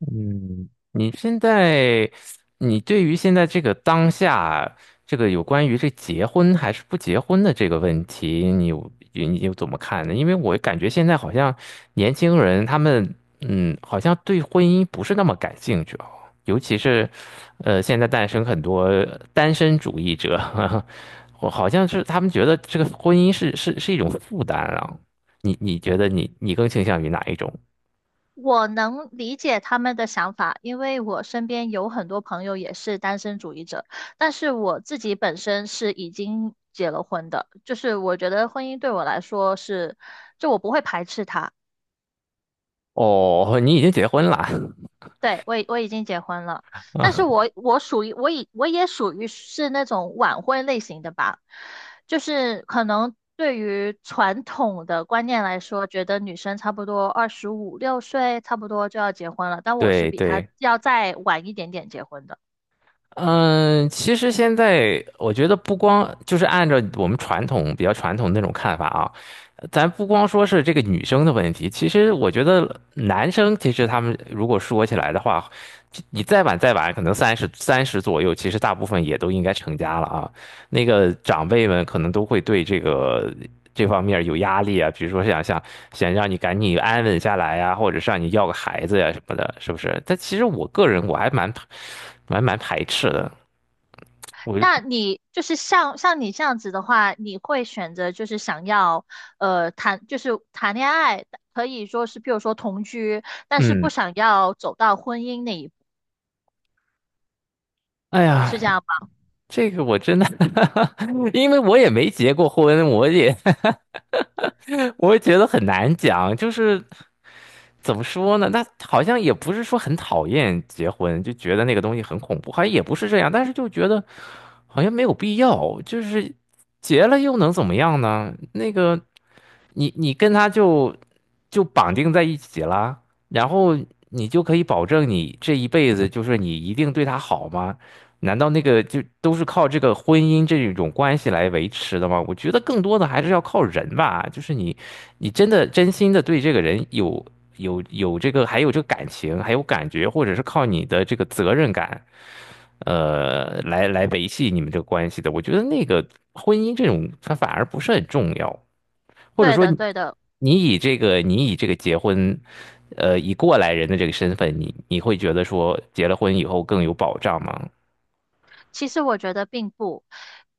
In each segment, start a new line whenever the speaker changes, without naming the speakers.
嗯，你现在，你对于现在这个当下，这个有关于这结婚还是不结婚的这个问题，你有怎么看呢？因为我感觉现在好像年轻人他们，好像对婚姻不是那么感兴趣哦。尤其是，现在诞生很多单身主义者。我好像是他们觉得这个婚姻是一种负担啊。你觉得你更倾向于哪一种？
我能理解他们的想法，因为我身边有很多朋友也是单身主义者，但是我自己本身是已经结了婚的，就是我觉得婚姻对我来说是，就我不会排斥它。
哦，你已经结婚了。
对，我已经结婚了，但是 我属于是那种晚婚类型的吧。就是可能对于传统的观念来说，觉得女生差不多二十五六岁差不多就要结婚了，但我是
对
比她
对。
要再晚一点点结婚的。
嗯，其实现在我觉得不光就是按照我们传统比较传统的那种看法啊，咱不光说是这个女生的问题，其实我觉得男生其实他们如果说起来的话，你再晚再晚，可能三十左右，其实大部分也都应该成家了啊。那个长辈们可能都会对这个这方面有压力啊，比如说想让你赶紧安稳下来呀、或者是让你要个孩子呀、什么的，是不是？但其实我个人我还蛮排斥的。我
那你就是像你这样子的话，你会选择就是想要呃谈就是谈恋爱，可以说是比如说同居，但是不
嗯，
想要走到婚姻那一步，
哎呀，
是这样吗？
这个我真的 因为我也没结过婚，我也 我也觉得很难讲。就是怎么说呢？那好像也不是说很讨厌结婚，就觉得那个东西很恐怖，好像也不是这样，但是就觉得好像没有必要。就是结了又能怎么样呢？那个。你跟他就绑定在一起啦。然后你就可以保证你这一辈子就是你一定对他好吗？难道那个就都是靠这个婚姻这种关系来维持的吗？我觉得更多的还是要靠人吧，就是你真的真心的对这个人有这个还有这个感情，还有感觉，或者是靠你的这个责任感。来维系你们这个关系的，我觉得那个婚姻这种，它反而不是很重要。或者
对
说
的，
你
对的。
你以这个你以这个结婚，以过来人的这个身份，你会觉得说结了婚以后更有保障吗？
其实我觉得并不。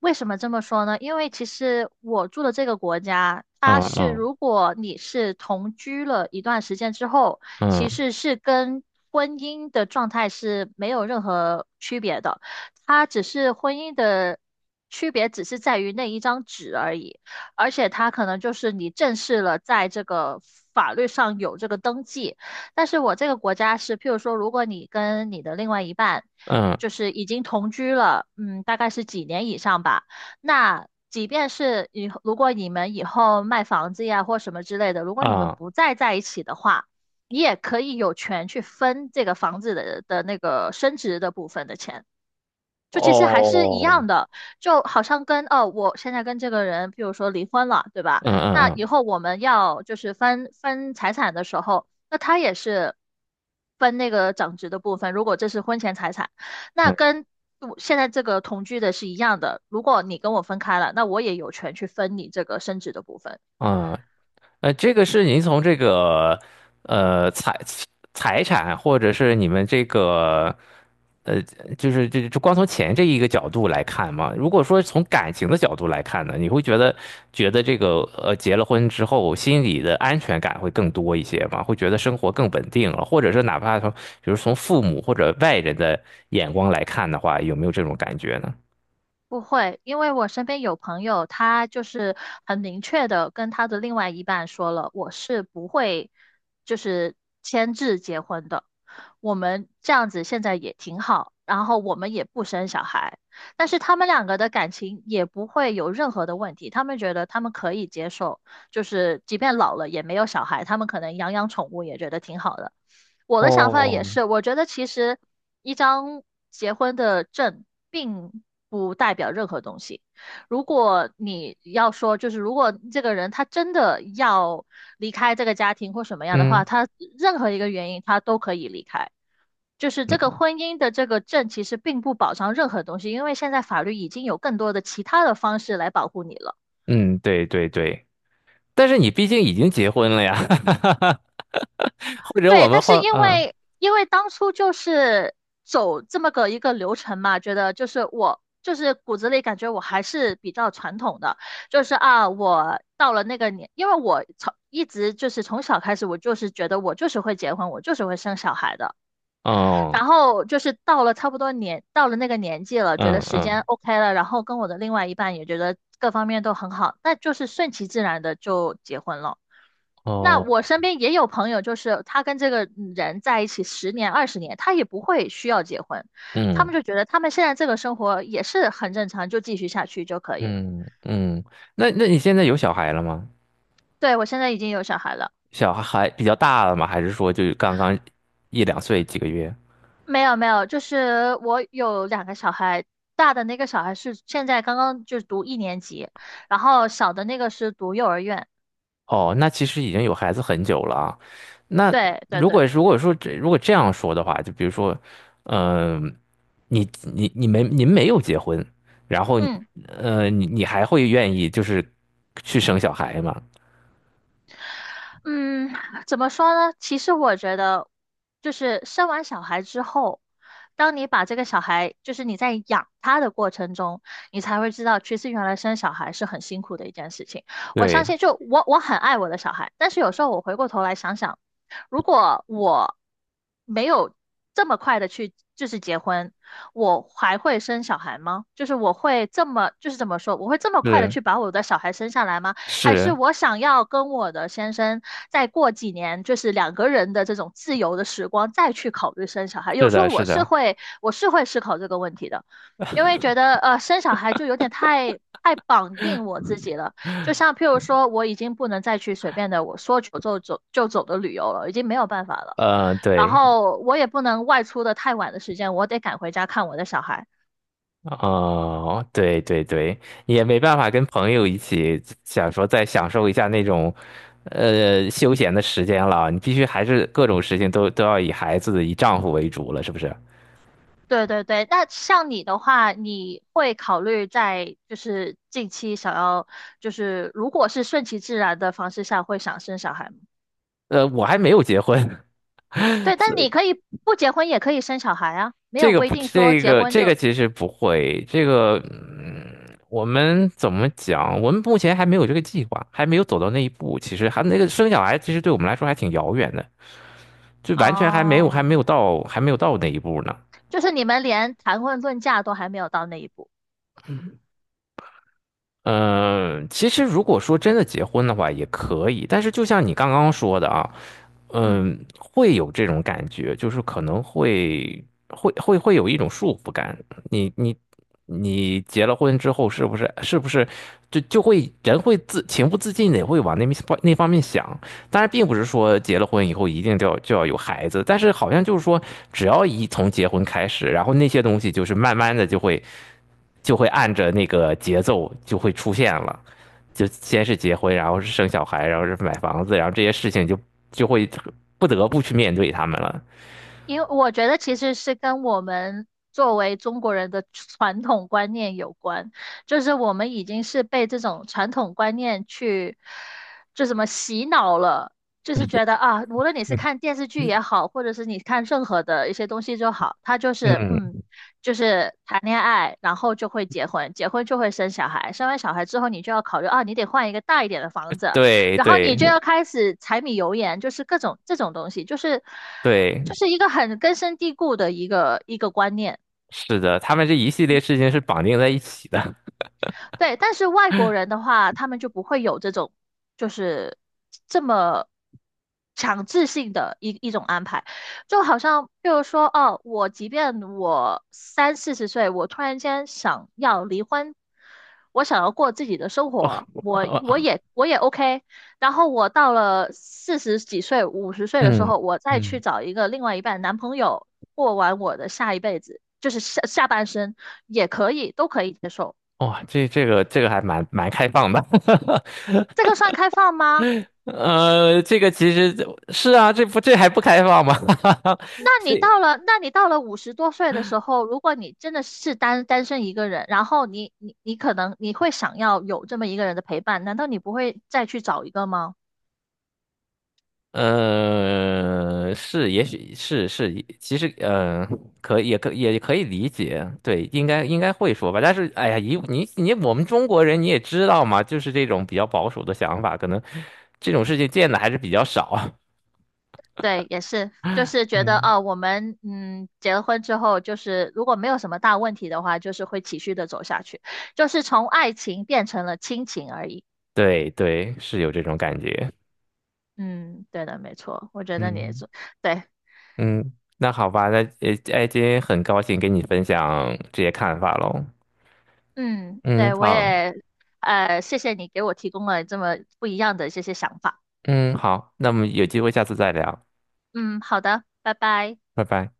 为什么这么说呢？因为其实我住的这个国家，它
嗯
是
嗯
如果你是同居了一段时间之后，其
嗯
实是跟婚姻的状态是没有任何区别的。它只是婚姻的区别，只是在于那一张纸而已。而且它可能就是你正式了在这个法律上有这个登记。但是我这个国家是，譬如说，如果你跟你的另外一半就
嗯，
是已经同居了，嗯，大概是几年以上吧，那即便是以后如果你们以后卖房子呀或什么之类的，如果你们
啊，
不再在一起的话，你也可以有权去分这个房子的那个升值的部分的钱。就其实还是一
哦，
样的，就好像跟哦，我现在跟这个人，比如说离婚了，对吧？
嗯
那
嗯
以
嗯
后我们要就是分财产的时候，那他也是分那个长值的部分。如果这是婚前财产，那
嗯
跟我现在这个同居的是一样的。如果你跟我分开了，那我也有权去分你这个升值的部分。
嗯。这个是您从这个呃财财产或者是你们这个。呃，就是这光从钱这一个角度来看嘛。如果说从感情的角度来看呢，你会觉得这个结了婚之后心里的安全感会更多一些吗？会觉得生活更稳定了，或者是哪怕从比如父母或者外人的眼光来看的话，有没有这种感觉呢？
不会，因为我身边有朋友，他就是很明确的跟他的另外一半说了，我是不会就是签字结婚的。我们这样子现在也挺好，然后我们也不生小孩，但是他们两个的感情也不会有任何的问题，他们觉得他们可以接受，就是即便老了也没有小孩，他们可能养养宠物也觉得挺好的。我的想法
哦，
也是，我觉得其实一张结婚的证并不代表任何东西。如果你要说，就是如果这个人他真的要离开这个家庭或什么样的
嗯
话，他任何一个原因他都可以离开。就是这个
嗯
婚姻的这个证其实并不保障任何东西，因为现在法律已经有更多的其他的方式来保护你了。
嗯，对对对。但是你毕竟已经结婚了呀。或者我
对，
们
但是
换，
因
嗯
为因为当初就是走这么个一个流程嘛，觉得就是我就是骨子里感觉我还是比较传统的。就是啊，我到了那个年，因为我从一直就是从小开始，我就是觉得我就是会结婚，我就是会生小孩的。
嗯
然后就是到了差不多年，到了那个年纪了，觉得
嗯
时间
嗯，
OK 了，然后跟我的另外一半也觉得各方面都很好，那就是顺其自然的就结婚了。那
哦，
我身边也有朋友，就是他跟这个人在一起十年、20年，他也不会需要结婚，他
嗯。
们就觉得他们现在这个生活也是很正常，就继续下去就可以了。
嗯嗯。那你现在有小孩了吗？
对，我现在已经有小孩了。
小孩比较大了吗？还是说就刚刚一两岁几个月？
没有没有，就是我有两个小孩，大的那个小孩是现在刚刚就读一年级，然后小的那个是读幼儿园。
哦，那其实已经有孩子很久了啊。那
对对
如
对，
果如果说这如果这样说的话，就比如说，嗯、你你你没您没有结婚，然后
嗯。
你还会愿意就是去生小孩吗？
嗯，怎么说呢？其实我觉得，就是生完小孩之后，当你把这个小孩，就是你在养他的过程中，你才会知道，其实原来生小孩是很辛苦的一件事情。我相
对，
信就，我很爱我的小孩，但是有时候我回过头来想想，如果我没有这么快的去就是结婚，我还会生小孩吗？就是我会这么，就是怎么说，我会这么快的
是
去把我的小孩生下来吗？还是
是
我想要跟我的先生再过几年，就是两个人的这种自由的时光，再去考虑生小孩。有
是
时
的，
候
是
我是
的。
会，我是会思考这个问题的，因为觉得,生小孩就有点太绑定我自己了。就像譬如说，我已经不能再去随便的我说走就走的旅游了，已经没有办法了。然
对。
后我也不能外出的太晚的时间，我得赶回家看我的小孩。
哦，对对对。也没办法跟朋友一起想说再享受一下那种，休闲的时间了。你必须还是各种事情都要以孩子、以丈夫为主了，是不是？
对对对，那像你的话，你会考虑在就是近期想要，就是如果是顺其自然的方式下，会想生小孩吗？
我还没有结婚。
对，但你可以不结婚也可以生小孩啊，没
这
有
个
规
不，
定说
这
结
个
婚
这个
就，
其实不会。我们怎么讲？我们目前还没有这个计划，还没有走到那一步。其实还那个生小孩，其实对我们来说还挺遥远的，就完全还没有还
哦，
没有到还没有到那一步呢。
就是你们连谈婚论嫁都还没有到那一步。
嗯，其实如果说真的结婚的话也可以，但是就像你刚刚说的啊。
嗯。
会有这种感觉，就是可能会有一种束缚感。你你你结了婚之后，是不是就会人会情不自禁的会往那方面想？当然，并不是说结了婚以后一定就要有孩子，但是好像就是说，只要一从结婚开始，然后那些东西就是慢慢的就会按着那个节奏就会出现了。就先是结婚，然后是生小孩，然后是买房子，然后这些事情就会不得不去面对他们了
因为我觉得其实是跟我们作为中国人的传统观念有关，就是我们已经是被这种传统观念去，就什么洗脑了，就是觉得啊，无论你是 看电视剧也好，或者是你看任何的一些东西就好，他就是
嗯，
就是谈恋爱，然后就会结婚，结婚就会生小孩，生完小孩之后你就要考虑啊，你得换一个大一点的房 子。
对
然后你
对
就要开始柴米油盐，就是各种这种东西，就是
对，
一个很根深蒂固的一个观念。
是的，他们这一系列事情是绑定在一起的。
对，但是外国人的话，他们就不会有这种就是这么强制性的一种安排。就好像譬如说，哦，我即便我三四十岁，我突然间想要离婚，我想要过自己的生
哇
活，我我
哇，
也我也 OK。然后我到了四十几岁、50岁的时
嗯
候，我再去
嗯
找一个另外一半男朋友，过完我的下一辈子，就是下半生也可以，都可以接受。
哇，这个还蛮开放的。
这个算开放吗？
这个其实是啊。这还不开放吗？
那你
这
到了，那你到了五十多岁的时候，如果你真的是单身一个人，然后你你你可能你会想要有这么一个人的陪伴，难道你不会再去找一个吗？
是，也许是，其实可以理解。对，应该会说吧。但是，哎呀，以你你我们中国人你也知道嘛，就是这种比较保守的想法，可能这种事情见的还是比较少。
对，也是，就是觉得
嗯，
哦，我们结了婚之后，就是如果没有什么大问题的话，就是会持续的走下去，就是从爱情变成了亲情而已。
对对，是有这种感觉。
嗯，对的，没错，我觉得你也
嗯
是。对，
嗯，那好吧，那，哎，今天很高兴跟你分享这些看法喽。
嗯，对，
嗯，
我
好。
也，呃，谢谢你给我提供了这么不一样的这些想法。
嗯，好，那么有机会下次再聊。
嗯，好的，拜拜。
拜拜。